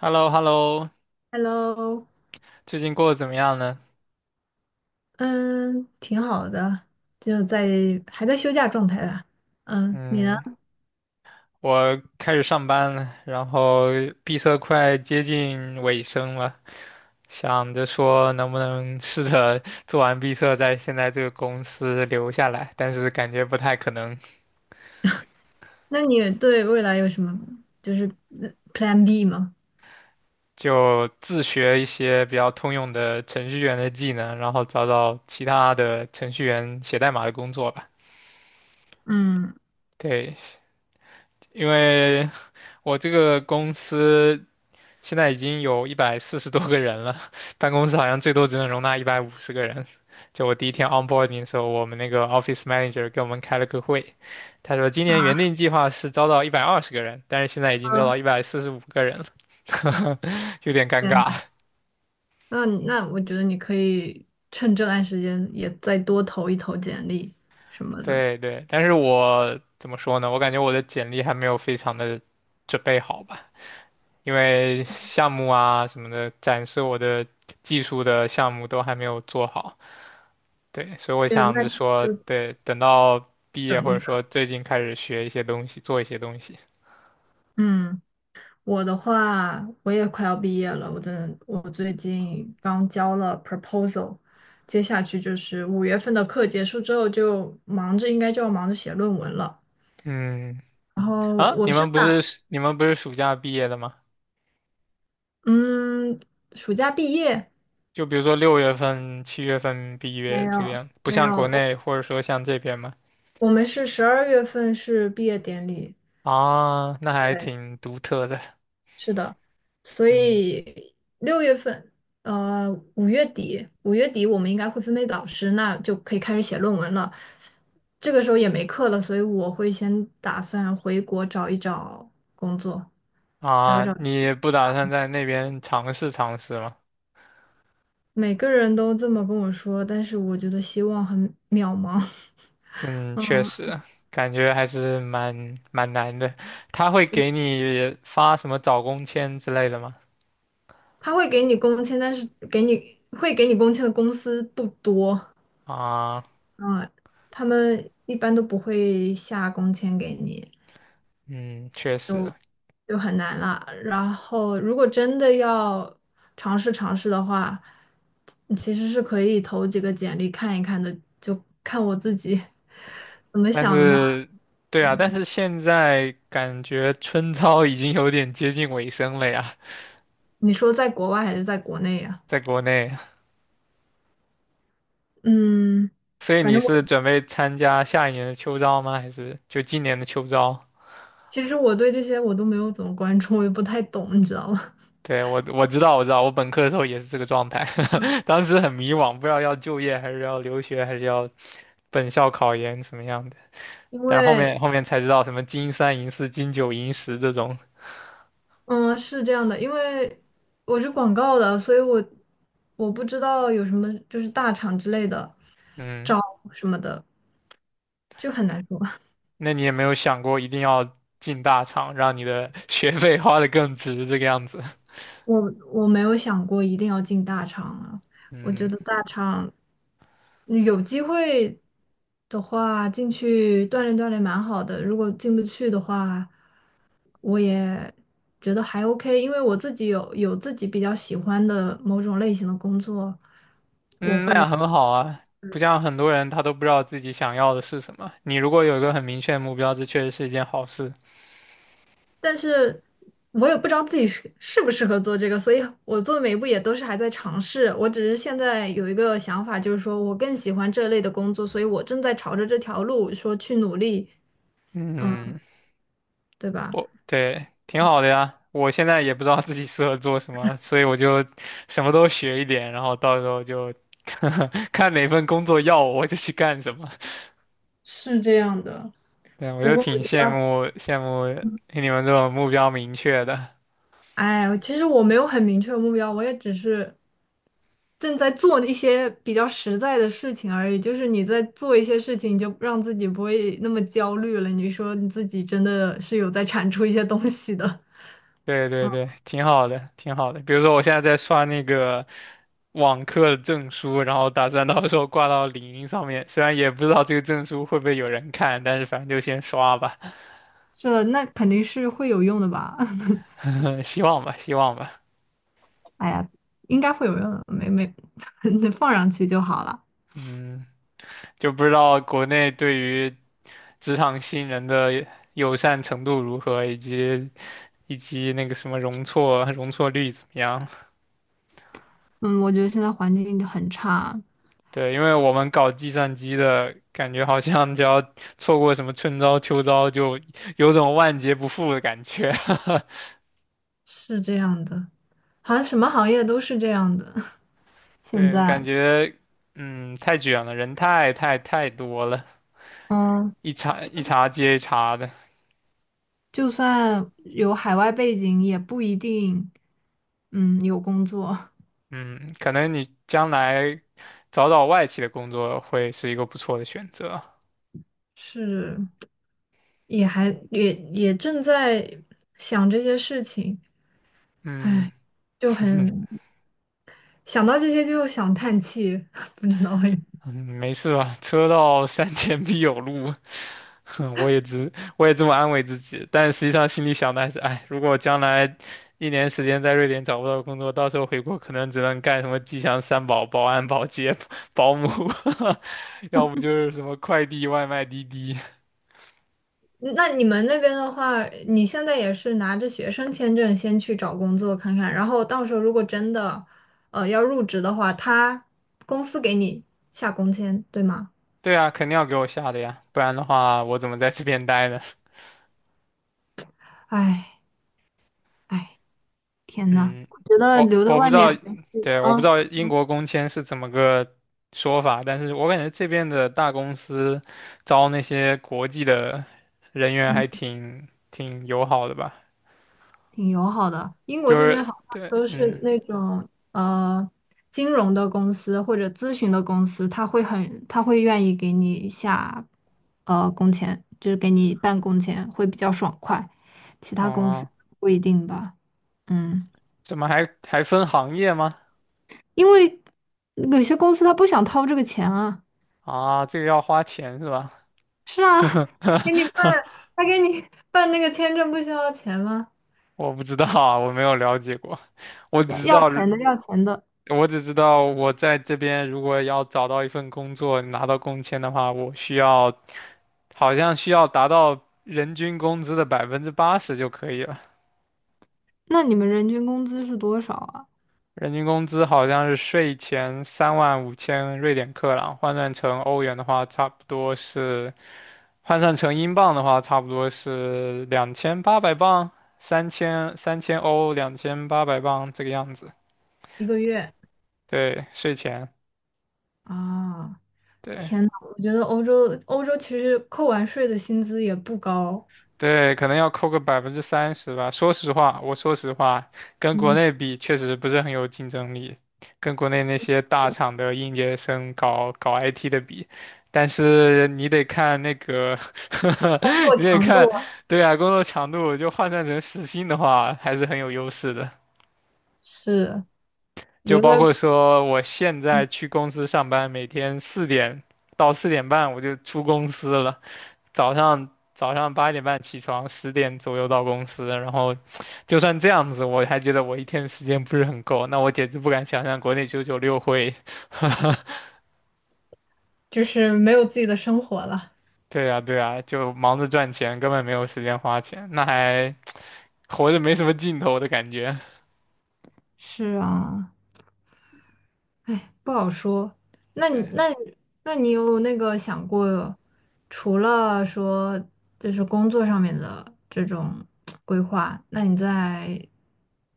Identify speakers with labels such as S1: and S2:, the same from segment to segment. S1: h e l l o h e l l o
S2: Hello，
S1: 最近过得怎么样呢？
S2: 嗯，挺好的，就在还在休假状态啦。嗯，你呢？
S1: 嗯，我开始上班了，然后闭测快接近尾声了，想着说能不能试着做完闭测，在现在这个公司留下来，但是感觉不太可能，
S2: 那你对未来有什么就是Plan B 吗？
S1: 就自学一些比较通用的程序员的技能，然后找找其他的程序员写代码的工作吧。
S2: 嗯，
S1: 对，因为我这个公司，现在已经有140多个人了，办公室好像最多只能容纳150个人。就我第一天 onboarding 的时候，我们那个 office manager 给我们开了个会，他说今
S2: 啊，
S1: 年原定计划是招到120个人，但是现在已经招到145个人了，有点尴
S2: 天
S1: 尬。
S2: 呐，那我觉得你可以趁这段时间也再多投一投简历什么的。
S1: 对对，但是我怎么说呢？我感觉我的简历还没有非常的准备好吧，因为项目啊什么的，展示我的技术的项目都还没有做好。对，所以我
S2: 嗯，
S1: 想
S2: 那
S1: 着说，
S2: 就
S1: 对，等到毕业
S2: 等
S1: 或
S2: 一
S1: 者
S2: 等。
S1: 说最近开始学一些东西，做一些东西。
S2: 嗯。我的话，我也快要毕业了，我真的，我最近刚交了 proposal，接下去就是5月份的课结束之后就忙着，应该就要忙着写论文了。
S1: 嗯，
S2: 然后
S1: 啊，
S2: 我
S1: 你
S2: 是
S1: 们不
S2: 打，
S1: 是你们不是暑假毕业的吗？
S2: 嗯，暑假毕业
S1: 就比如说6月份、7月份毕
S2: 没
S1: 业这个
S2: 有
S1: 样不
S2: 没
S1: 像
S2: 有，
S1: 国
S2: 我
S1: 内或者说像这边吗？
S2: 我们是12月份是毕业典礼，
S1: 啊，那还
S2: 对，
S1: 挺独特的。
S2: 是的，所
S1: 嗯，
S2: 以6月份，五月底，我们应该会分配导师，那就可以开始写论文了。这个时候也没课了，所以我会先打算回国找一找工作，找一
S1: 啊，
S2: 找。
S1: 你不打算在那边尝试尝试吗？
S2: 每个人都这么跟我说，但是我觉得希望很渺茫。
S1: 嗯，确
S2: 嗯，
S1: 实，感觉还是蛮难的。他会给你发什么找工签之类的吗？
S2: 他会给你工签，但是给你会给你工签的公司不多。
S1: 啊。
S2: 嗯，他们一般都不会下工签给你。
S1: 嗯，确实，
S2: 就很难了。然后，如果真的要尝试尝试的话，其实是可以投几个简历看一看的，就看我自己 怎么
S1: 但
S2: 想的吧。
S1: 是，对啊，但是现在感觉春招已经有点接近尾声了呀，
S2: 你说在国外还是在国内呀？
S1: 在国内，
S2: 嗯，
S1: 所以
S2: 反
S1: 你
S2: 正我
S1: 是准备参加下一年的秋招吗？还是就今年的秋招？
S2: 其实我对这些我都没有怎么关注，我也不太懂，你知道吗？
S1: 对，我知道，我知道，我本科的时候也是这个状态，当时很迷惘，不知道要就业还是要留学还是要本校考研什么样的，
S2: 因
S1: 但是后
S2: 为，
S1: 面后面才知道什么金三银四金九银十这种，
S2: 嗯，是这样的，因为我是广告的，所以我不知道有什么就是大厂之类的
S1: 嗯。
S2: 招什么的，就很难说。
S1: 那你也没有想过一定要进大厂，让你的 学费花得更值这个样子。
S2: 我我没有想过一定要进大厂啊，我觉
S1: 嗯，
S2: 得大厂有机会的话进去锻炼锻炼蛮好的，如果进不去的话，我也觉得还 OK，因为我自己有自己比较喜欢的某种类型的工作，我
S1: 嗯，那
S2: 会。
S1: 样很好啊。不像很多人他都不知道自己想要的是什么。你如果有一个很明确的目标，这确实是一件好事。
S2: 但是我也不知道自己适不适合做这个，所以我做的每一步也都是还在尝试。我只是现在有一个想法，就是说我更喜欢这类的工作，所以我正在朝着这条路说去努力，
S1: 嗯，
S2: 对吧？
S1: 我对，挺好的呀。我现在也不知道自己适合做什么，所以我就什么都学一点，然后到时候就 看哪份工作要我，我就去干什么。
S2: 是这样的。
S1: 对，我
S2: 不
S1: 就
S2: 过我
S1: 挺
S2: 觉
S1: 羡
S2: 得，
S1: 慕羡慕你们这种目标明确的。
S2: 哎，其实我没有很明确的目标，我也只是正在做一些比较实在的事情而已。就是你在做一些事情，你就让自己不会那么焦虑了。你说你自己真的是有在产出一些东西的。
S1: 对对对，挺好的，挺好的。比如说，我现在在刷那个网课证书，然后打算到时候挂到领英上面。虽然也不知道这个证书会不会有人看，但是反正就先刷吧，
S2: 是的，那肯定是会有用的吧？
S1: 希望吧，希望吧。
S2: 哎呀，应该会有用的，没没，你放上去就好了。
S1: 嗯，就不知道国内对于职场新人的友善程度如何，以及那个什么容错率怎么样。
S2: 嗯，我觉得现在环境就很差，
S1: 对，因为我们搞计算机的，感觉好像只要错过什么春招秋招，就有种万劫不复的感觉。
S2: 是这样的，好像什么行业都是这样的。现
S1: 对，感
S2: 在，
S1: 觉嗯太卷了，人太多了，
S2: 嗯，
S1: 一茬
S2: 就
S1: 一茬接一茬的。
S2: 就算有海外背景，也不一定，嗯，有工作。
S1: 嗯，可能你将来找找外企的工作会是一个不错的选择。
S2: 是，也还也也正在想这些事情，
S1: 嗯，
S2: 哎，就 很想到这些就想叹气，不知道为
S1: 嗯，没事吧？车到山前必有路，我也这么安慰自己，但实际上心里想的还是，哎，如果将来一年时间在瑞典找不到工作，到时候回国可能只能干什么吉祥三宝、保安、保洁、保姆，要不就是什么快递、外卖、滴滴。
S2: 那你们那边的话，你现在也是拿着学生签证先去找工作看看，然后到时候如果真的，要入职的话，他公司给你下工签，对吗？
S1: 对啊，肯定要给我下的呀，不然的话我怎么在这边待呢？
S2: 哎哎，天呐，
S1: 嗯，
S2: 我觉得
S1: 我
S2: 留在
S1: 我不
S2: 外
S1: 知
S2: 面
S1: 道，
S2: 还，
S1: 对，我不知
S2: 嗯。
S1: 道英国工签是怎么个说法，但是我感觉这边的大公司招那些国际的人员还挺友好的吧，
S2: 挺友好的。英国
S1: 就
S2: 这边
S1: 是
S2: 好像
S1: 对，
S2: 都是
S1: 嗯，
S2: 那种金融的公司或者咨询的公司，他会愿意给你下工钱，就是给你办工钱，会比较爽快。其他公司
S1: 哦，
S2: 不一定吧，嗯，
S1: 怎么还分行业吗？
S2: 因为有些公司他不想掏这个钱啊。
S1: 啊，这个要花钱是吧？
S2: 是啊，给你办，他给你办那个签证不需要钱吗？
S1: 我不知道啊，我没有了解过，我
S2: 要
S1: 只知
S2: 要
S1: 道。
S2: 钱的，要钱的。
S1: 我只知道我在这边如果要找到一份工作，拿到工签的话，我需要好像需要达到人均工资的80%就可以了。
S2: 那你们人均工资是多少啊？
S1: 人均工资好像是税前35,000瑞典克朗，换算成欧元的话，差不多是换算成英镑的话，差不多是两千八百镑，三千欧，两千八百镑这个样子。
S2: 一个月。
S1: 对，税前。
S2: 啊，
S1: 对，
S2: 天呐，我觉得欧洲其实扣完税的薪资也不高，
S1: 对，可能要扣个30%吧。说实话，我说实话，跟国
S2: 嗯，
S1: 内比确实不是很有竞争力，跟国内那些大厂的应届生搞搞 IT 的比，但是你得看那个
S2: 工作
S1: 你得
S2: 强度
S1: 看，
S2: 啊
S1: 对啊，工作强度就换算成时薪的话，还是很有优势的。
S2: 是
S1: 就
S2: 留
S1: 包
S2: 在
S1: 括
S2: 国
S1: 说，我现在去公司上班，每天四点到4点半我就出公司了。早上早上8点半起床，10点左右到公司，然后就算这样子，我还觉得我一天时间不是很够。那我简直不敢想象国内996会，
S2: 就是没有自己的生活了。
S1: 对呀对呀，就忙着赚钱，根本没有时间花钱，那还活着没什么劲头的感觉。
S2: 是啊，哎，不好说。那你
S1: 对，
S2: 那你那你有那个想过，除了说就是工作上面的这种规划，那你在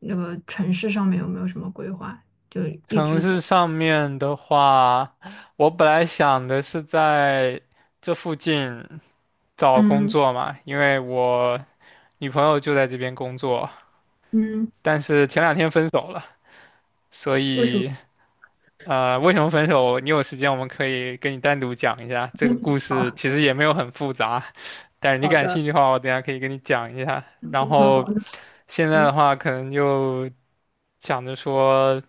S2: 那个城市上面有没有什么规划？就一
S1: 城
S2: 直都，
S1: 市上面的话，我本来想的是在这附近找工
S2: 嗯
S1: 作嘛，因为我女朋友就在这边工作，
S2: 嗯，
S1: 但是前两天分手了。所
S2: 为什么？
S1: 以，呃，为什么分手？你有时间我们可以跟你单独讲一下。这个故事其实也没有很复杂，但是你感兴趣的话，我等一下可以跟你讲一下。然后现在的话，可能就想着说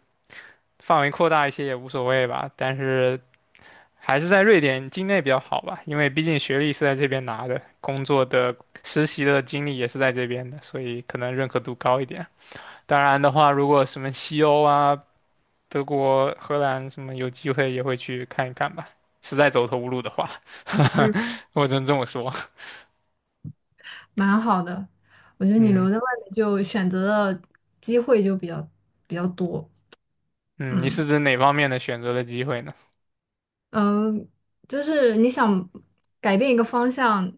S1: 范围扩大一些也无所谓吧，但是还是在瑞典境内比较好吧，因为毕竟学历是在这边拿的，工作的实习的经历也是在这边的，所以可能认可度高一点。当然的话，如果什么西欧啊。德国、荷兰什么有机会也会去看一看吧。实在走投无路的话，
S2: 嗯。
S1: 我只能这么说。
S2: 蛮好的。我觉得你
S1: 嗯，
S2: 留在外面就选择的机会就比较多。
S1: 嗯，你
S2: 嗯
S1: 是指哪方面的选择的机会呢？
S2: 嗯，就是你想改变一个方向，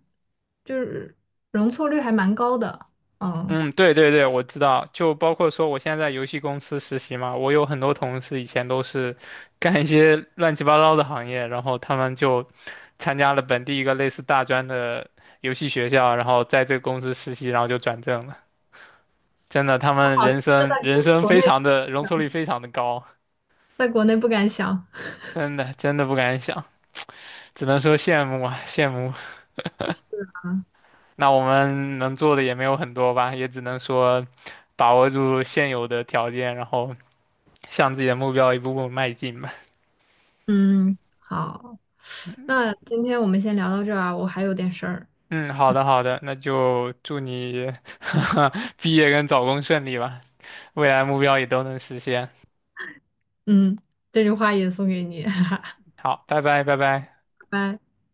S2: 就是容错率还蛮高的。嗯，
S1: 嗯，对对对，我知道，就包括说我现在在游戏公司实习嘛，我有很多同事以前都是干一些乱七八糟的行业，然后他们就参加了本地一个类似大专的游戏学校，然后在这个公司实习，然后就转正了。真的，他们人
S2: 这
S1: 生
S2: 在
S1: 人
S2: 国
S1: 生
S2: 国
S1: 非
S2: 内
S1: 常的容
S2: 想
S1: 错率非常的高。
S2: 在国内不敢想。
S1: 真的真的不敢想，只能说羡慕啊，羡慕。那我们能做的也没有很多吧，也只能说把握住现有的条件，然后向自己的目标一步步迈进吧。
S2: 嗯，好，那今天我们先聊到这儿啊，我还有点事儿。
S1: 嗯，好的好的，那就祝你 毕业跟找工顺利吧，未来目标也都能实现。
S2: 嗯，这句话也送给你，拜
S1: 好，拜拜拜拜。
S2: 拜。